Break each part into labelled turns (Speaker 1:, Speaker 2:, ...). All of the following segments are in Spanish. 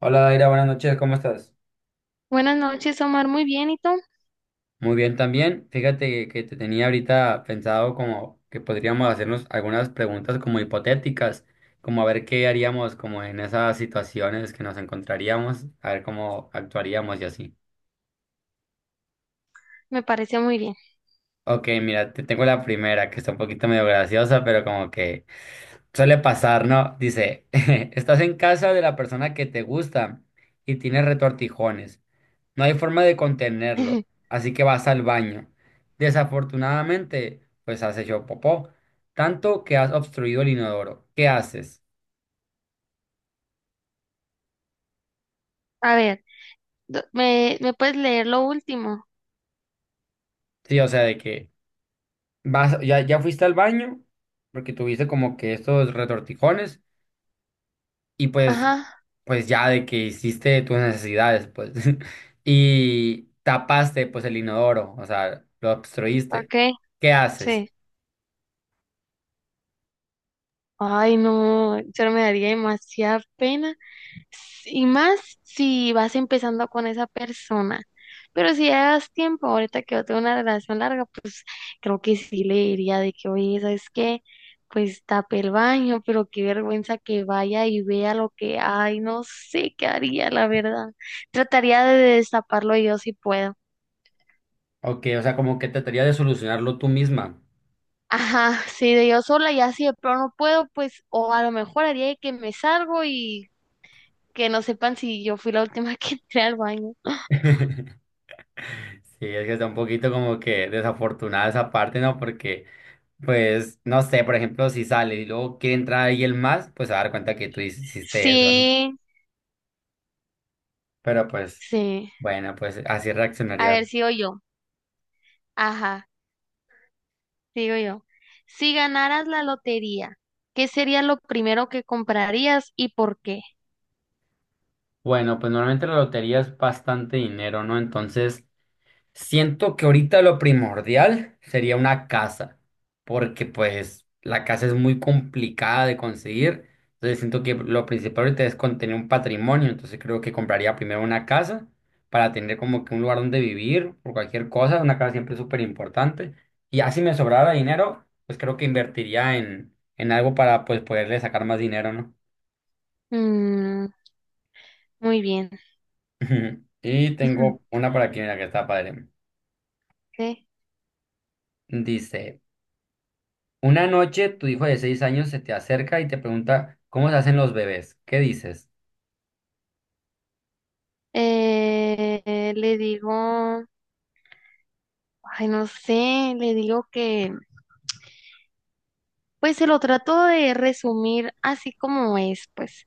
Speaker 1: Hola Daira, buenas noches, ¿cómo estás?
Speaker 2: Buenas noches, Omar. Muy bien, ¿y tú?
Speaker 1: Muy bien también. Fíjate que te tenía ahorita pensado como que podríamos hacernos algunas preguntas como hipotéticas, como a ver qué haríamos como en esas situaciones que nos encontraríamos, a ver cómo actuaríamos y así.
Speaker 2: Me parece muy bien.
Speaker 1: Ok, mira, te tengo la primera que está un poquito medio graciosa, pero como que suele pasar, ¿no? Dice, estás en casa de la persona que te gusta y tienes retortijones. No hay forma de contenerlo, así que vas al baño. Desafortunadamente, pues has hecho popó, tanto que has obstruido el inodoro. ¿Qué haces?
Speaker 2: A ver, ¿me puedes leer lo último?
Speaker 1: Sí, o sea, de que vas, ya fuiste al baño, porque tuviste como que estos retortijones, y pues,
Speaker 2: Ajá,
Speaker 1: pues ya de que hiciste tus necesidades, pues, y tapaste, pues, el inodoro, o sea, lo obstruiste.
Speaker 2: ok,
Speaker 1: ¿Qué haces?
Speaker 2: sí. Ay, no, yo me daría demasiada pena. Y más si vas empezando con esa persona. Pero si ya das tiempo, ahorita que yo tengo una relación larga, pues creo que sí le diría de que, oye, ¿sabes qué? Pues tape el baño, pero qué vergüenza que vaya y vea lo que hay. No sé qué haría, la verdad. Trataría de destaparlo yo si puedo.
Speaker 1: Ok, o sea, como que trataría de solucionarlo tú misma.
Speaker 2: Ajá, sí, de yo sola y así de pronto no puedo, pues, o a lo mejor haría de que me salgo y que no sepan si yo fui la última que entré al baño.
Speaker 1: Sí, es que está un poquito como que desafortunada esa parte, ¿no? Porque, pues, no sé, por ejemplo, si sale y luego quiere entrar alguien más, pues se va a dar cuenta que tú hiciste eso, ¿no?
Speaker 2: Sí,
Speaker 1: Pero pues,
Speaker 2: sí.
Speaker 1: bueno, pues así
Speaker 2: A ver,
Speaker 1: reaccionaría.
Speaker 2: sigo yo. Ajá, sigo yo. Si ganaras la lotería, ¿qué sería lo primero que comprarías y por qué?
Speaker 1: Bueno, pues normalmente la lotería es bastante dinero, ¿no? Entonces, siento que ahorita lo primordial sería una casa, porque pues la casa es muy complicada de conseguir. Entonces siento que lo principal ahorita es con tener un patrimonio. Entonces creo que compraría primero una casa para tener como que un lugar donde vivir por cualquier cosa. Una casa siempre es súper importante. Y ya si me sobrara dinero, pues creo que invertiría en algo para pues poderle sacar más dinero, ¿no?
Speaker 2: Mm, muy bien.
Speaker 1: Y
Speaker 2: Ujú.
Speaker 1: tengo una para aquí, mira, que está padre.
Speaker 2: Ok.
Speaker 1: Dice. Una noche tu hijo de seis años se te acerca y te pregunta cómo se hacen los bebés. ¿Qué dices?
Speaker 2: Le digo, ay, no sé, le digo que, pues se lo trato de resumir así como es, pues,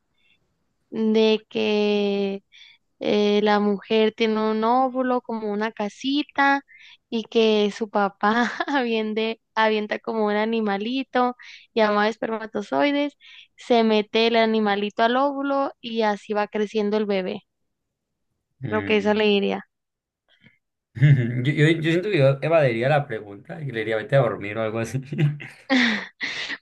Speaker 2: de que la mujer tiene un óvulo como una casita y que su papá avienta como un animalito llamado espermatozoides, se mete el animalito al óvulo y así va creciendo el bebé. Lo que eso
Speaker 1: Mm.
Speaker 2: le diría.
Speaker 1: Yo siento que yo evadiría la pregunta y le diría vete a dormir o algo así.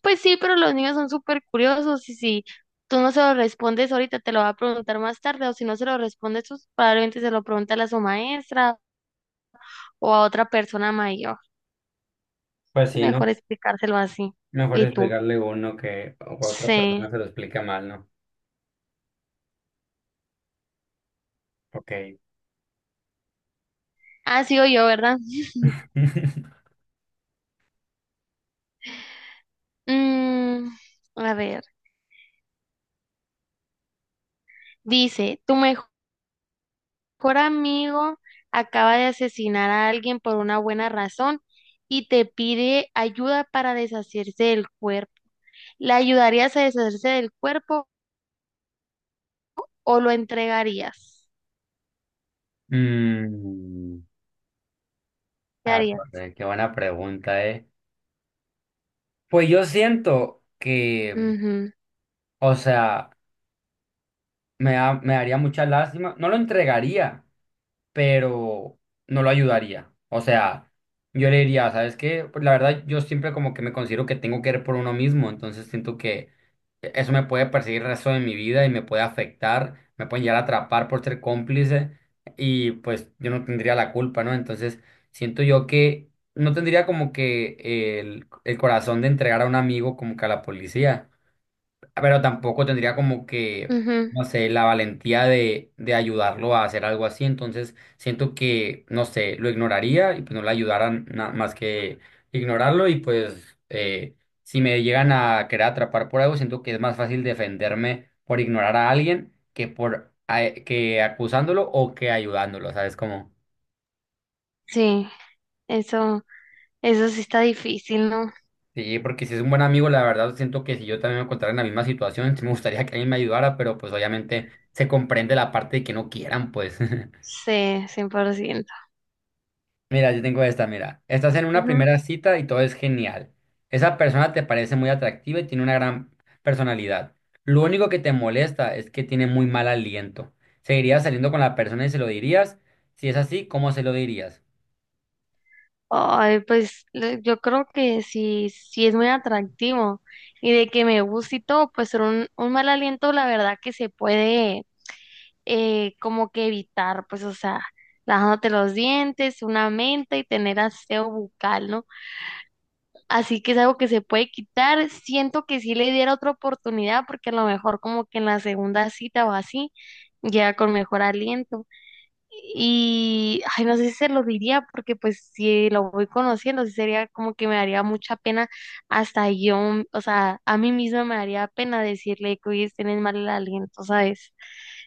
Speaker 2: Pues sí, pero los niños son súper curiosos y si tú no se lo respondes ahorita, te lo va a preguntar más tarde o si no se lo respondes, pues probablemente se lo pregunta a su maestra o a otra persona mayor.
Speaker 1: Pues
Speaker 2: Es
Speaker 1: sí, ¿no?
Speaker 2: mejor explicárselo así.
Speaker 1: Mejor
Speaker 2: ¿Y tú?
Speaker 1: explicarle uno que o que otra persona
Speaker 2: Sí.
Speaker 1: se lo explica mal, ¿no? Ok.
Speaker 2: Ah, sigo yo, ¿verdad? Mm, a ver, dice, tu mejor amigo acaba de asesinar a alguien por una buena razón y te pide ayuda para deshacerse del cuerpo. ¿Le ayudarías a deshacerse del cuerpo o lo entregarías?
Speaker 1: Mm,
Speaker 2: ¿Qué
Speaker 1: ah,
Speaker 2: harías?
Speaker 1: torre, qué buena pregunta, ¿eh? Pues yo siento que,
Speaker 2: Ujú,
Speaker 1: o sea, me daría mucha lástima, no lo entregaría, pero no lo ayudaría. O sea, yo le diría, ¿sabes qué? Pues la verdad, yo siempre como que me considero que tengo que ir por uno mismo, entonces siento que eso me puede perseguir el resto de mi vida y me puede afectar, me pueden llegar a atrapar por ser cómplice y pues yo no tendría la culpa, ¿no? Entonces siento yo que no tendría como que el corazón de entregar a un amigo como que a la policía, pero tampoco tendría como que,
Speaker 2: ujú.
Speaker 1: no sé, la valentía de ayudarlo a hacer algo así. Entonces, siento que, no sé, lo ignoraría y pues no le ayudaran más que ignorarlo. Y pues, si me llegan a querer atrapar por algo, siento que es más fácil defenderme por ignorar a alguien que por que acusándolo o que ayudándolo, ¿sabes cómo?
Speaker 2: Sí, eso, eso sí está difícil, ¿no?
Speaker 1: Sí, porque si es un buen amigo, la verdad siento que si yo también me encontrara en la misma situación, sí me gustaría que alguien me ayudara, pero pues obviamente se comprende la parte de que no quieran, pues.
Speaker 2: Sí, 100%.
Speaker 1: Mira, yo tengo esta, mira. Estás en una primera cita y todo es genial. Esa persona te parece muy atractiva y tiene una gran personalidad. Lo único que te molesta es que tiene muy mal aliento. ¿Seguirías saliendo con la persona y se lo dirías? Si es así, ¿cómo se lo dirías?
Speaker 2: Ay, yo creo que sí, sí es muy atractivo y de que me guste y todo, pues ser un mal aliento, la verdad que se puede como que evitar, pues o sea, lavándote los dientes, una menta y tener aseo bucal, ¿no? Así que es algo que se puede quitar. Siento que sí le diera otra oportunidad porque a lo mejor como que en la segunda cita o así, ya con mejor aliento. Y, ay, no sé si se lo diría, porque pues si lo voy conociendo, sí sería como que me daría mucha pena, hasta yo, mm, o sea, a mí misma me daría pena decirle que hoy tienes mal el aliento, ¿sabes?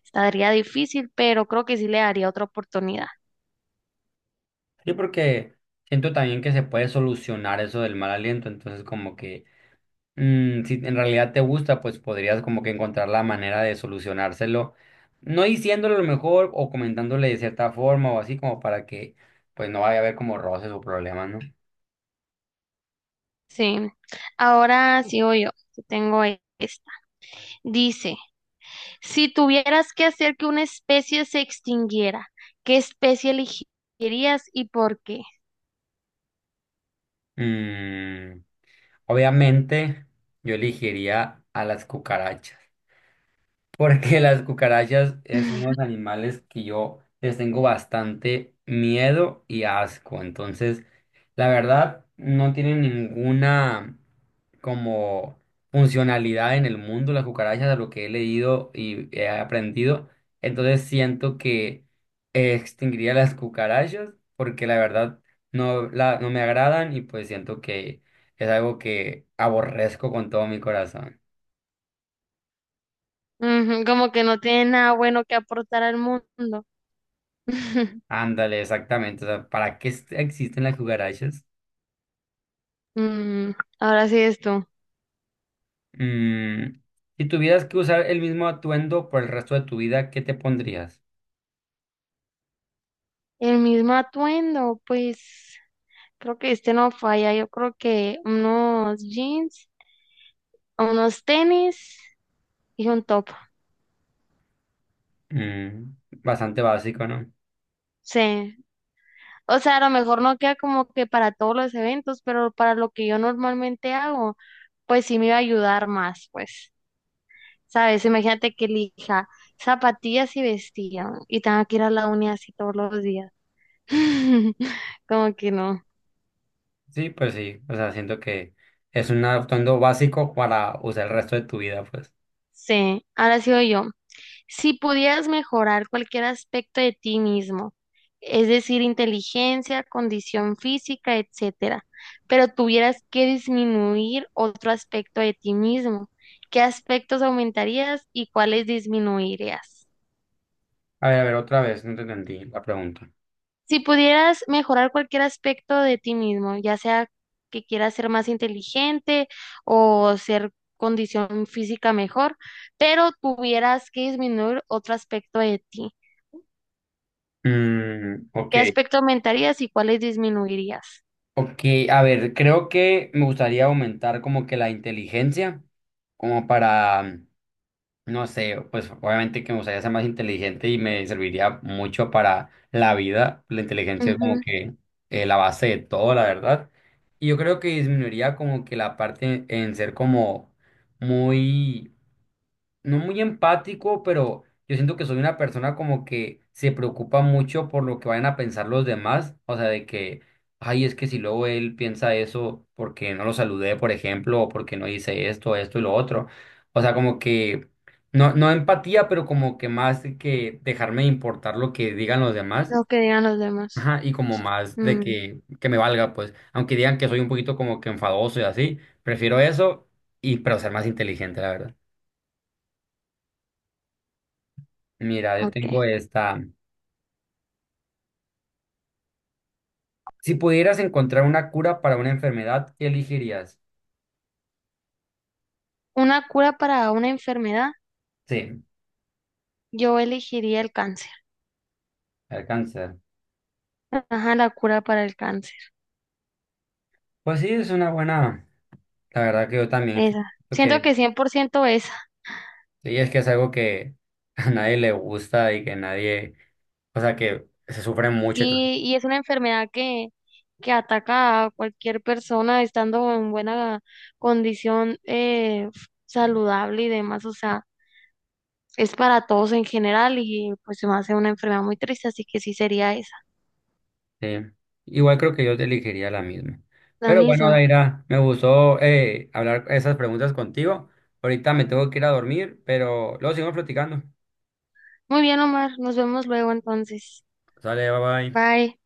Speaker 2: Estaría difícil, pero creo que sí le daría otra oportunidad.
Speaker 1: Sí, porque siento también que se puede solucionar eso del mal aliento, entonces como que... Mm, si en realidad te gusta, pues podrías como que encontrar la manera de solucionárselo, no diciéndole lo mejor o comentándole de cierta forma o así como para que pues no vaya a haber como roces o problemas, ¿no?
Speaker 2: Sí. Ahora sí sigo yo, que tengo esta. Dice, si tuvieras que hacer que una especie se extinguiera, ¿qué especie elegirías y por qué?
Speaker 1: Mm, obviamente yo elegiría a las cucarachas. Porque las cucarachas es unos animales que yo les tengo bastante miedo y asco. Entonces, la verdad, no tienen ninguna como funcionalidad en el mundo las cucarachas, de lo que he leído y he aprendido. Entonces, siento que extinguiría las cucarachas porque la verdad no, la, no me agradan y pues siento que es algo que aborrezco con todo mi corazón.
Speaker 2: Ujú, como que no tiene nada bueno que aportar al mundo.
Speaker 1: Ándale, exactamente. O sea, ¿para qué existen las cucarachas?
Speaker 2: Mm, ahora sí esto.
Speaker 1: Mm, si tuvieras que usar el mismo atuendo por el resto de tu vida, ¿qué te pondrías?
Speaker 2: El mismo atuendo, pues creo que este no falla. Yo creo que unos jeans, unos tenis y un top.
Speaker 1: Mm, bastante básico, ¿no?
Speaker 2: Sí. O sea, a lo mejor no queda como que para todos los eventos, pero para lo que yo normalmente hago, pues sí me iba a ayudar más, pues. ¿Sabes? Imagínate que elija zapatillas y vestido y tenga que ir a la uni así todos los días. Como que no.
Speaker 1: Sí, pues sí. O sea, siento que es un atuendo básico para usar el resto de tu vida, pues.
Speaker 2: Sí, ahora sigo yo. Si pudieras mejorar cualquier aspecto de ti mismo, es decir, inteligencia, condición física, etcétera, pero tuvieras que disminuir otro aspecto de ti mismo, ¿qué aspectos aumentarías y cuáles disminuirías?
Speaker 1: A ver, otra vez, no te entendí la pregunta.
Speaker 2: Si pudieras mejorar cualquier aspecto de ti mismo, ya sea que quieras ser más inteligente o ser condición física mejor, pero tuvieras que disminuir otro aspecto de ti,
Speaker 1: Mm, ok.
Speaker 2: ¿qué aspecto aumentarías y cuáles disminuirías?
Speaker 1: Ok, a ver, creo que me gustaría aumentar como que la inteligencia, como para no sé, pues obviamente que me gustaría ser más inteligente y me serviría mucho para la vida. La inteligencia es como
Speaker 2: Ujú.
Speaker 1: que la base de todo, la verdad. Y yo creo que disminuiría como que la parte en ser como muy no muy empático, pero yo siento que soy una persona como que se preocupa mucho por lo que vayan a pensar los demás, o sea, de que, ay, es que si luego él piensa eso porque no lo saludé, por ejemplo, o porque no hice esto, esto y lo otro, o sea, como que, no, no empatía, pero como que más de que dejarme importar lo que digan los demás.
Speaker 2: Lo que digan los demás.
Speaker 1: Ajá, y como más de
Speaker 2: Mm,
Speaker 1: que me valga, pues, aunque digan que soy un poquito como que enfadoso y así, prefiero eso y pero ser más inteligente, la verdad. Mira, yo
Speaker 2: ok.
Speaker 1: tengo esta. Si pudieras encontrar una cura para una enfermedad, ¿qué elegirías?
Speaker 2: Una cura para una enfermedad.
Speaker 1: Sí,
Speaker 2: Yo elegiría el cáncer.
Speaker 1: el cáncer.
Speaker 2: Ajá, la cura para el cáncer.
Speaker 1: Pues sí, es una buena. La verdad que yo también siento
Speaker 2: Esa. Siento
Speaker 1: que
Speaker 2: que 100% esa.
Speaker 1: sí, es que es algo que a nadie le gusta y que nadie, o sea, que se sufre mucho. Entonces,
Speaker 2: Sí, y es una enfermedad que ataca a cualquier persona estando en buena condición saludable y demás. O sea, es para todos en general y pues se me hace una enfermedad muy triste, así que sí sería esa,
Speaker 1: sí. Igual creo que yo te elegiría la misma.
Speaker 2: la
Speaker 1: Pero bueno,
Speaker 2: misma.
Speaker 1: Daira, me gustó hablar esas preguntas contigo. Ahorita me tengo que ir a dormir, pero luego seguimos platicando.
Speaker 2: Muy bien, Omar. Nos vemos luego entonces.
Speaker 1: Sale, bye bye.
Speaker 2: Bye.